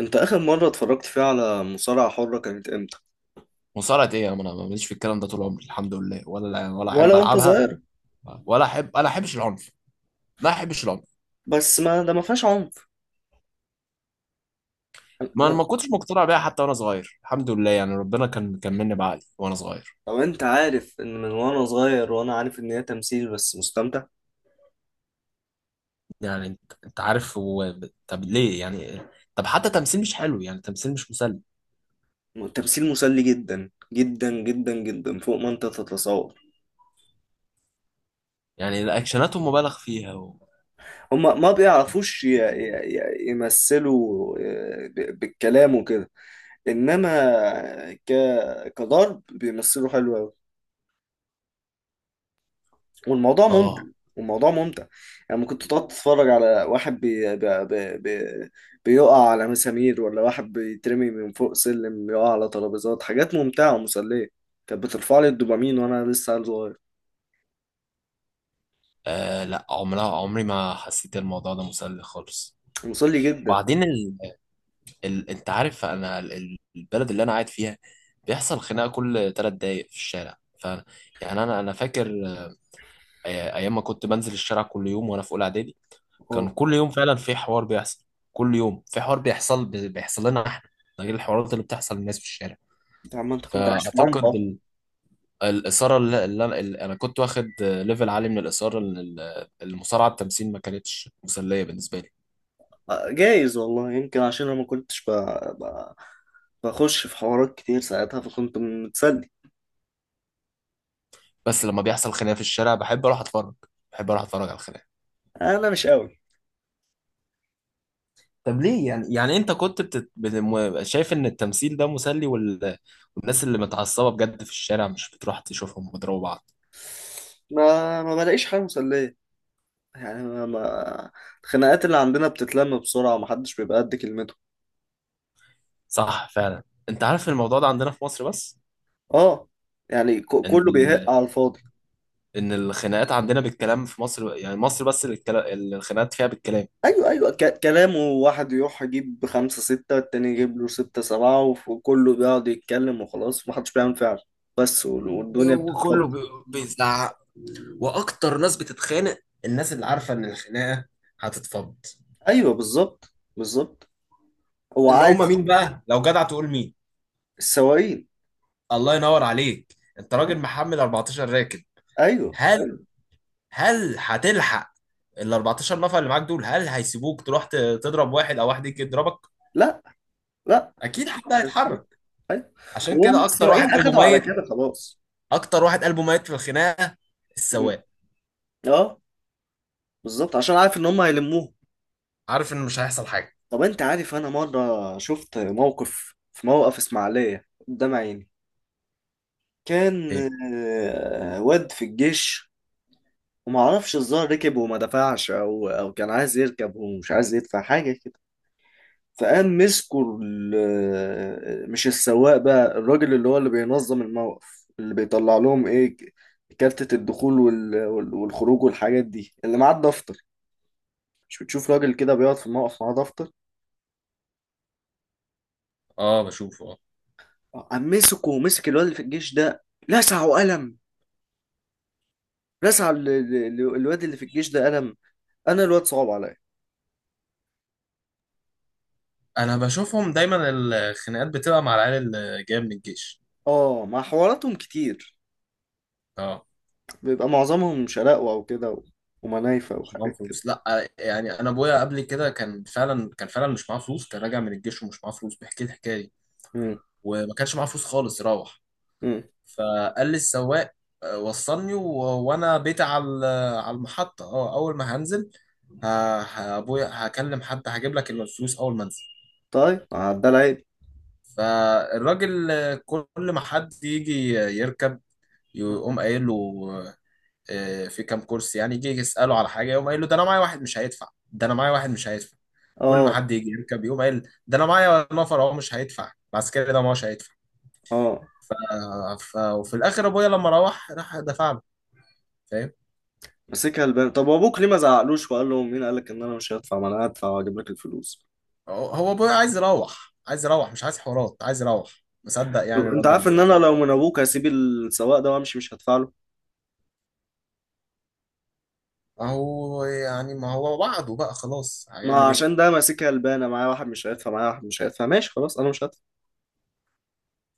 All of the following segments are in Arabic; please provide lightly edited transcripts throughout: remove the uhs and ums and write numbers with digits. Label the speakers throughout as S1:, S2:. S1: انت اخر مرة اتفرجت فيها على مصارعة حرة كانت امتى؟
S2: مصارعة ايه يا عم؟ انا ماليش في الكلام ده طول عمري، الحمد لله، ولا
S1: ولا
S2: احب
S1: وانت
S2: العبها.
S1: صغير؟
S2: ولا احب، انا احبش العنف، ما احبش العنف.
S1: بس ما ده ما فيهاش عنف. انا
S2: ما انا
S1: انا-
S2: ما كنتش مقتنع بيها حتى وانا صغير، الحمد لله، يعني ربنا كان مني بعقلي وانا صغير.
S1: لو انت عارف ان من وانا صغير وانا عارف ان هي تمثيل بس مستمتع.
S2: يعني انت عارف هو طب ليه يعني؟ طب حتى تمثيل مش حلو، يعني تمثيل مش مسلي.
S1: تمثيل مسلي جدا جدا جدا جدا فوق ما انت تتصور.
S2: يعني الاكشناتهم مبالغ فيها
S1: هما ما بيعرفوش يمثلوا بالكلام وكده، انما ك... كضرب بيمثلوا حلو أوي. والموضوع ممتع.
S2: اه.
S1: والموضوع ممتع. يعني ممكن تقعد تتفرج على واحد بي بي بي بي بيقع على مسامير، ولا واحد بيترمي من فوق سلم يقع على ترابيزات. حاجات ممتعة ومسلية، كانت بترفع لي الدوبامين وانا لسه عيل صغير.
S2: لا، عمري ما حسيت الموضوع ده مسلي خالص.
S1: مسلي جدا.
S2: بعدين انت عارف انا البلد اللي انا قاعد فيها بيحصل خناقه كل ثلاث دقايق في الشارع، يعني انا فاكر ايام ما كنت بنزل الشارع كل يوم وانا في اولى اعدادي. كان
S1: اه.
S2: كل يوم فعلا في حوار بيحصل. كل يوم في حوار بيحصل، بيحصل لنا احنا. ده غير الحوارات اللي بتحصل للناس في الشارع.
S1: انت عم انت كنت عايش في
S2: فاعتقد
S1: منطقة؟
S2: الاثاره اللي انا كنت واخد، ليفل عالي من الاثاره، إن المصارعه التمثيل ما كانتش مسليه بالنسبه لي.
S1: جايز والله، يمكن عشان انا ما كنتش ب... بخش في حوارات كتير ساعتها، فكنت متسلي.
S2: بس لما بيحصل خناقه في الشارع بحب اروح اتفرج، بحب اروح اتفرج على الخناقه.
S1: انا مش قوي.
S2: طب ليه يعني؟ يعني انت كنت شايف ان التمثيل ده مسلي والناس اللي متعصبه بجد في الشارع مش بتروح تشوفهم وتضربوا بعض؟
S1: ما بلاقيش حاجة مسلية، يعني الخناقات اللي عندنا بتتلم بسرعة، ومحدش بيبقى قد كلمته.
S2: صح فعلا. انت عارف الموضوع ده عندنا في مصر بس،
S1: اه، يعني
S2: ان
S1: كله بيهق
S2: ال...
S1: على الفاضي.
S2: ان الخناقات عندنا بالكلام في مصر، يعني مصر بس اللي الخناقات فيها بالكلام.
S1: ايوه ايوه، كلامه واحد يروح يجيب خمسة ستة، التاني يجيب له ستة سبعة، وكله بيقعد يتكلم وخلاص ومحدش بيعمل فعل. بس والدنيا
S2: وكله
S1: بتتفضل.
S2: بيزعق، واكتر ناس بتتخانق الناس اللي عارفه ان الخناقه هتتفض.
S1: ايوه بالظبط بالظبط. هو
S2: اللي
S1: عايز.
S2: هم مين بقى لو جدع تقول مين؟
S1: السواقين.
S2: الله ينور عليك، انت
S1: ها؟
S2: راجل محمل 14 راكب.
S1: ايوه
S2: هل
S1: ايوه.
S2: هل هتلحق؟ ال 14 نفر اللي معاك دول هل هيسيبوك تروح تضرب واحد او واحد يجي يضربك؟
S1: لا لا،
S2: اكيد
S1: مش
S2: حد
S1: مش هيسيبوه.
S2: هيتحرك.
S1: ايوه.
S2: عشان
S1: وهم
S2: كده اكتر واحد
S1: السواقين
S2: قلبه
S1: اخدوا على
S2: ميت،
S1: كده خلاص.
S2: اكتر واحد قلبه ميت في الخناقه
S1: مم.
S2: السواق.
S1: اه، بالظبط، عشان عارف ان هم هيلموهم.
S2: عارف ان مش هيحصل حاجه.
S1: طب انت عارف انا مره شفت موقف في موقف اسماعيليه قدام عيني. كان
S2: ايه؟
S1: واد في الجيش، ومعرفش الظاهر ركب وما دفعش، او كان عايز يركب ومش عايز يدفع حاجه كده. فقام مسكوا مش السواق بقى، الراجل اللي هو اللي بينظم الموقف، اللي بيطلع لهم ايه، كارتة الدخول والخروج والحاجات دي، اللي معاه الدفتر. مش بتشوف راجل كده بيقعد في الموقف معاه دفتر؟
S2: اه بشوفه اه.
S1: قام مسكه ومسك الواد اللي في الجيش ده، لسعه قلم. لسع الواد اللي في الجيش ده قلم. انا الواد صعب عليا.
S2: انا بشوفهم دايما، الخناقات بتبقى مع العيال اللي جايه من الجيش.
S1: اه، مع حواراتهم كتير.
S2: اه،
S1: بيبقى معظمهم شقاوة او كده، ومنايفة
S2: مش معاهم
S1: وحاجات كده.
S2: فلوس، لا. يعني انا ابويا قبل كده كان فعلا، كان فعلا مش معاه فلوس، كان راجع من الجيش ومش معاه فلوس، بيحكي لي الحكايه دي.
S1: مم.
S2: وما كانش معاه فلوس خالص يروح.
S1: مم.
S2: فقال لي السواق: وصلني وانا بيت على على المحطة، اه، اول ما هنزل ابويا هكلم حد هجيب لك الفلوس اول ما انزل.
S1: طيب عدى العيب.
S2: فالراجل، كل ما حد يجي يركب يقوم قايل له، في كام كرسي يعني، يجي يسأله على حاجة، يقوم قايل له: ده انا معايا واحد مش هيدفع، ده انا معايا واحد مش هيدفع. كل ما
S1: اه.
S2: حد يجي يركب يقوم قايل: ده انا معايا نفر اهو مش هيدفع، العسكري ده ما هوش هيدفع.
S1: اه،
S2: وفي الاخر ابويا لما روح راح دفع له. فاهم؟
S1: مسكها البان. طب وابوك ليه ما زعقلوش وقال له: مين قال لك ان انا مش هدفع؟ ما انا هدفع واجيب لك الفلوس.
S2: هو ابويا عايز يروح، مش عايز حوارات، عايز يروح، مصدق
S1: طب
S2: يعني
S1: انت عارف
S2: الراجل،
S1: ان انا
S2: صدقني.
S1: لو من ابوك هسيب السواق ده وامشي، مش هدفع له.
S2: اهو، يعني ما هو وعده بقى خلاص،
S1: ما
S2: هيعمل ايه؟
S1: عشان ده ماسكها البانه معايا واحد مش هيدفع، معايا واحد مش هيدفع، ماشي خلاص انا مش هدفع.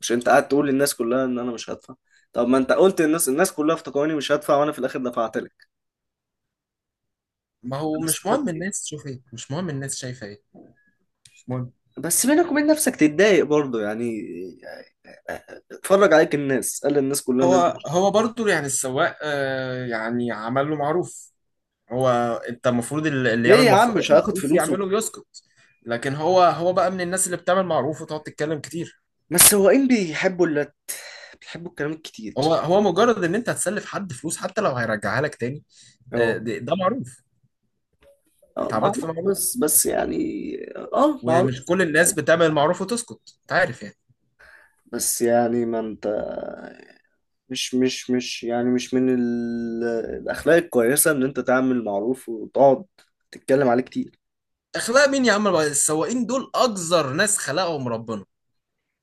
S1: مش انت قاعد تقول للناس كلها ان انا مش هدفع؟ طب ما انت قلت للناس، الناس كلها افتكروني مش هدفع، وانا في الاخر دفعت لك.
S2: ما هو
S1: انا
S2: مش مهم
S1: استفدت ايه؟
S2: الناس تشوف ايه، مش مهم الناس شايفه ايه، مش مهم.
S1: بس بينك وبين نفسك تتضايق برضه يعني، اتفرج عليك الناس، قال للناس كلها ان انت
S2: هو
S1: مش.
S2: هو برضو يعني السواق، آه يعني عمل له معروف. هو انت المفروض اللي
S1: ليه
S2: يعمل
S1: يا عم
S2: مفرو-
S1: مش هاخد
S2: معروف
S1: فلوسه؟
S2: يعمله ويسكت. لكن هو بقى من الناس اللي بتعمل معروف وتقعد تتكلم كتير.
S1: ما السواقين بيحبوا اللت، بيحبوا الكلام الكتير.
S2: هو مجرد ان انت هتسلف حد فلوس حتى لو هيرجعها لك تاني،
S1: اه.
S2: ده معروف.
S1: اه
S2: انت عملت فيه
S1: معروف،
S2: معروف،
S1: بس بس يعني. اه
S2: ومش
S1: معروف.
S2: كل الناس بتعمل المعروف وتسكت، انت عارف يعني.
S1: بس يعني ما انت مش يعني مش من ال... الأخلاق الكويسة إن أنت تعمل معروف وتقعد تتكلم عليه كتير.
S2: اخلاق مين يا عم؟ السواقين دول اقذر ناس خلقهم ربنا،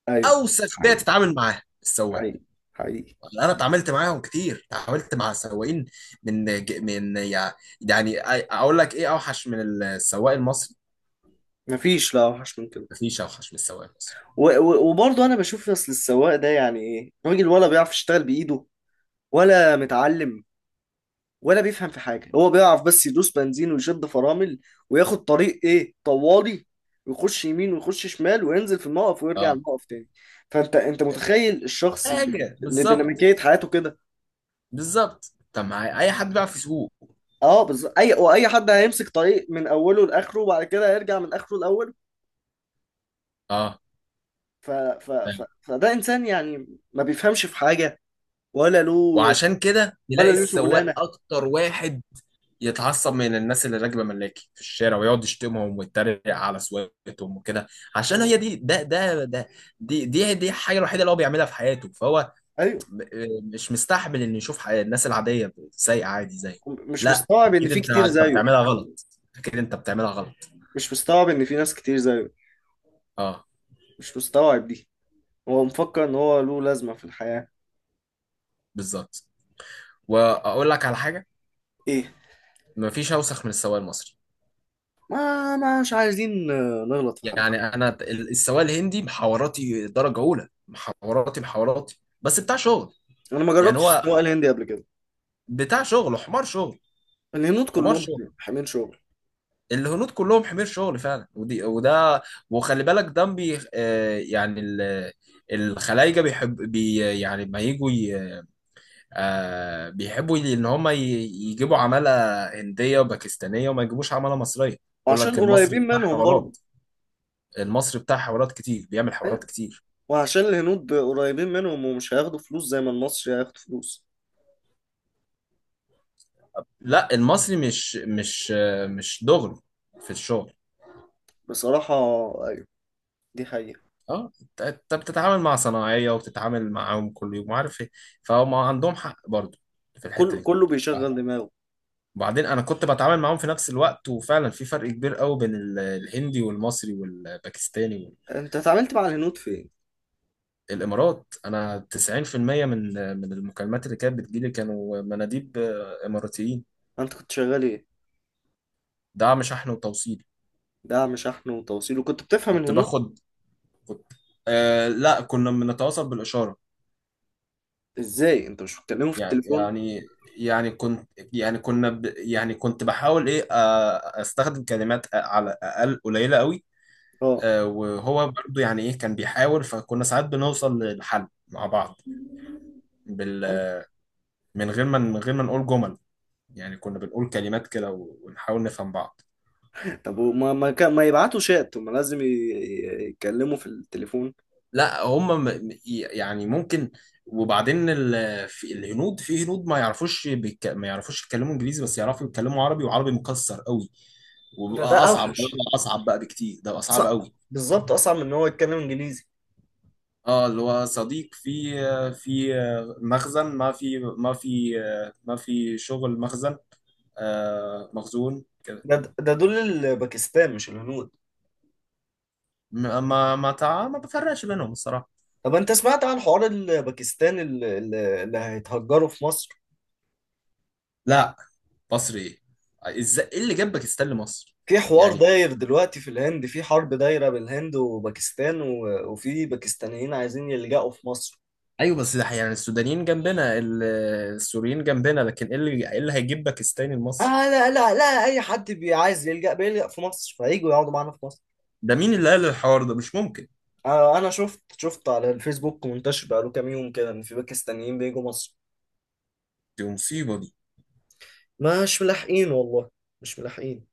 S1: أيوه.
S2: اوسخ بيئه
S1: حقيقي
S2: تتعامل معاها السواق.
S1: حقيقي حقيقي.
S2: انا
S1: صح.
S2: اتعاملت معاهم كتير، اتعاملت مع سواقين من ج- من يع- يعني اقول لك ايه، اوحش من السواق المصري.
S1: مفيش لا وحش من كده.
S2: مفيش اوحش من السواق المصري.
S1: وبرضه أنا بشوف أصل السواق ده يعني إيه، راجل؟ ولا بيعرف يشتغل بإيده؟ ولا متعلم؟ ولا بيفهم في حاجة؟ هو بيعرف بس يدوس بنزين ويشد فرامل، وياخد طريق إيه طوالي، ويخش يمين ويخش شمال، وينزل في الموقف ويرجع
S2: اه
S1: الموقف تاني. فأنت أنت متخيل الشخص
S2: حاجه
S1: اللي
S2: بالظبط
S1: ديناميكية حياته كده؟
S2: بالظبط. طب مع اي حد بيعرف يسوق؟
S1: اه بالظبط. اي واي حد هيمسك طريق من اوله لاخره، وبعد كده هيرجع من اخره لاوله.
S2: اه فاهم.
S1: فده انسان يعني ما بيفهمش في حاجه، ولا له
S2: وعشان كده
S1: ولا
S2: تلاقي
S1: له
S2: السواق
S1: شغلانه.
S2: اكتر واحد يتعصب من الناس اللي راكبه ملاكي في الشارع، ويقعد يشتمهم ويتريق على سواقتهم وكده. عشان
S1: اه.
S2: هي دي، ده ده ده دي دي دي الحاجه الوحيده اللي هو بيعملها في حياته، فهو
S1: ايوه.
S2: مش مستحمل انه يشوف الناس العاديه سايقه عادي زي.
S1: مش
S2: لا
S1: مستوعب ان
S2: اكيد،
S1: في
S2: انت
S1: كتير
S2: انت
S1: زيه.
S2: بتعملها غلط، اكيد انت بتعملها غلط.
S1: مش مستوعب ان في ناس كتير زيه.
S2: اه
S1: مش مستوعب دي. هو مفكر ان هو له لازمه في الحياه.
S2: بالظبط. واقول لك على حاجه:
S1: ايه؟
S2: مفيش اوسخ من السواق المصري.
S1: ما مش عايزين نغلط في حد.
S2: يعني انا السواق الهندي، محاوراتي درجه اولى، محاوراتي بس بتاع شغل.
S1: انا ما
S2: يعني
S1: جربتش
S2: هو
S1: السواقه الهندي قبل كده.
S2: بتاع شغل، حمار شغل،
S1: الهنود
S2: حمار
S1: كلهم
S2: شغل.
S1: حاملين شغل.
S2: الهنود كلهم حمير شغل فعلا، ودي وده. وخلي بالك ده بي آه، يعني الخلايجه بيحب يعني ما يجوا بيحبوا ان هم يجيبوا عماله هنديه وباكستانيه وما يجيبوش عماله مصريه. يقول
S1: وعشان
S2: لك المصري
S1: قريبين
S2: بتاع
S1: منهم برضه.
S2: حوارات، المصري بتاع حوارات كتير، بيعمل حوارات كتير.
S1: وعشان الهنود قريبين منهم، ومش هياخدوا فلوس زي ما المصري هياخدوا فلوس.
S2: لا المصري مش مش، مش دغري في الشغل.
S1: بصراحة. أيوة. دي حقيقة.
S2: اه انت، أنت بتتعامل مع صناعية وبتتعامل معاهم كل يوم وعارف ايه، فهم عندهم حق برضو في الحتة
S1: كل
S2: دي.
S1: كله بيشغل دماغه.
S2: وبعدين انا كنت بتعامل معاهم في نفس الوقت، وفعلا في فرق كبير قوي بين الهندي والمصري والباكستاني
S1: أنت اتعاملت مع الهنود فين؟
S2: والامارات. انا 90% من من المكالمات اللي كانت بتجيلي كانوا مناديب اماراتيين.
S1: أنت كنت شغال إيه؟
S2: دعم شحن وتوصيل.
S1: دعم شحن وتوصيل، وكنت بتفهم
S2: كنت
S1: الهنود
S2: باخد كنت آه لا، كنا بنتواصل بالاشارة.
S1: إزاي؟ أنت مش بتكلمهم في
S2: يعني
S1: التليفون؟
S2: يعني يعني كنت يعني كنا يعني كنت بحاول ايه، استخدم كلمات على اقل قليله قوي.
S1: أه.
S2: وهو برضو يعني ايه كان بيحاول، فكنا ساعات بنوصل للحل مع بعض. بال
S1: أه؟
S2: من غير ما نقول جمل، يعني كنا بنقول كلمات كده ونحاول نفهم بعض.
S1: طب وما ما, كان- ما يبعتوا شات، هما لازم يتكلموا في التليفون.
S2: لا هم يعني ممكن. وبعدين في الهنود، في هنود ما يعرفوش يتكلموا انجليزي، بس يعرفوا يتكلموا عربي، وعربي مكسر قوي.
S1: ده
S2: وبيبقى
S1: ده
S2: اصعب، ده
S1: اوحش.
S2: بيبقى اصعب بقى بكتير، ده بيبقى صعب
S1: صعب.
S2: قوي.
S1: بالظبط، اصعب من ان هو يتكلم انجليزي.
S2: اه اللي هو صديق في مخزن، ما في شغل مخزن، آه مخزون كده.
S1: ده ده دول الباكستان مش الهنود.
S2: ما بفرقش بينهم الصراحة.
S1: طب انت سمعت عن حوار الباكستان اللي هيتهجروا في مصر؟
S2: لا، مصر ايه؟ ازاي؟ ايه اللي جابك استاذ لمصر؟
S1: في حوار
S2: يعني
S1: داير دلوقتي في الهند، في حرب دايرة بين الهند وباكستان، وفي باكستانيين عايزين يلجأوا في مصر.
S2: ايوه، بس ده يعني السودانيين جنبنا، السوريين جنبنا، لكن ايه اللي هيجيب باكستاني
S1: آه
S2: لمصر؟
S1: لا لا لا، اي حد عايز يلجأ بيلجأ في مصر، فهيجوا يقعدوا معانا في مصر.
S2: ده مين اللي قال الحوار ده؟ مش ممكن.
S1: آه انا شفت على الفيسبوك منتشر بقاله كام يوم كده، ان في باكستانيين بيجوا مصر.
S2: دي مصيبة دي.
S1: مش ملاحقين والله، مش ملاحقين.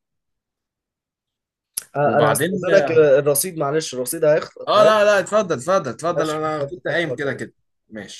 S1: آه انا
S2: وبعدين
S1: هستأذنك، الرصيد معلش، الرصيد هيخلص
S2: اه، لا
S1: هيخلص.
S2: لا، اتفضل اتفضل اتفضل،
S1: عشان
S2: انا كنت
S1: تفكر
S2: قايم كده
S1: ولا
S2: كده. ماشي.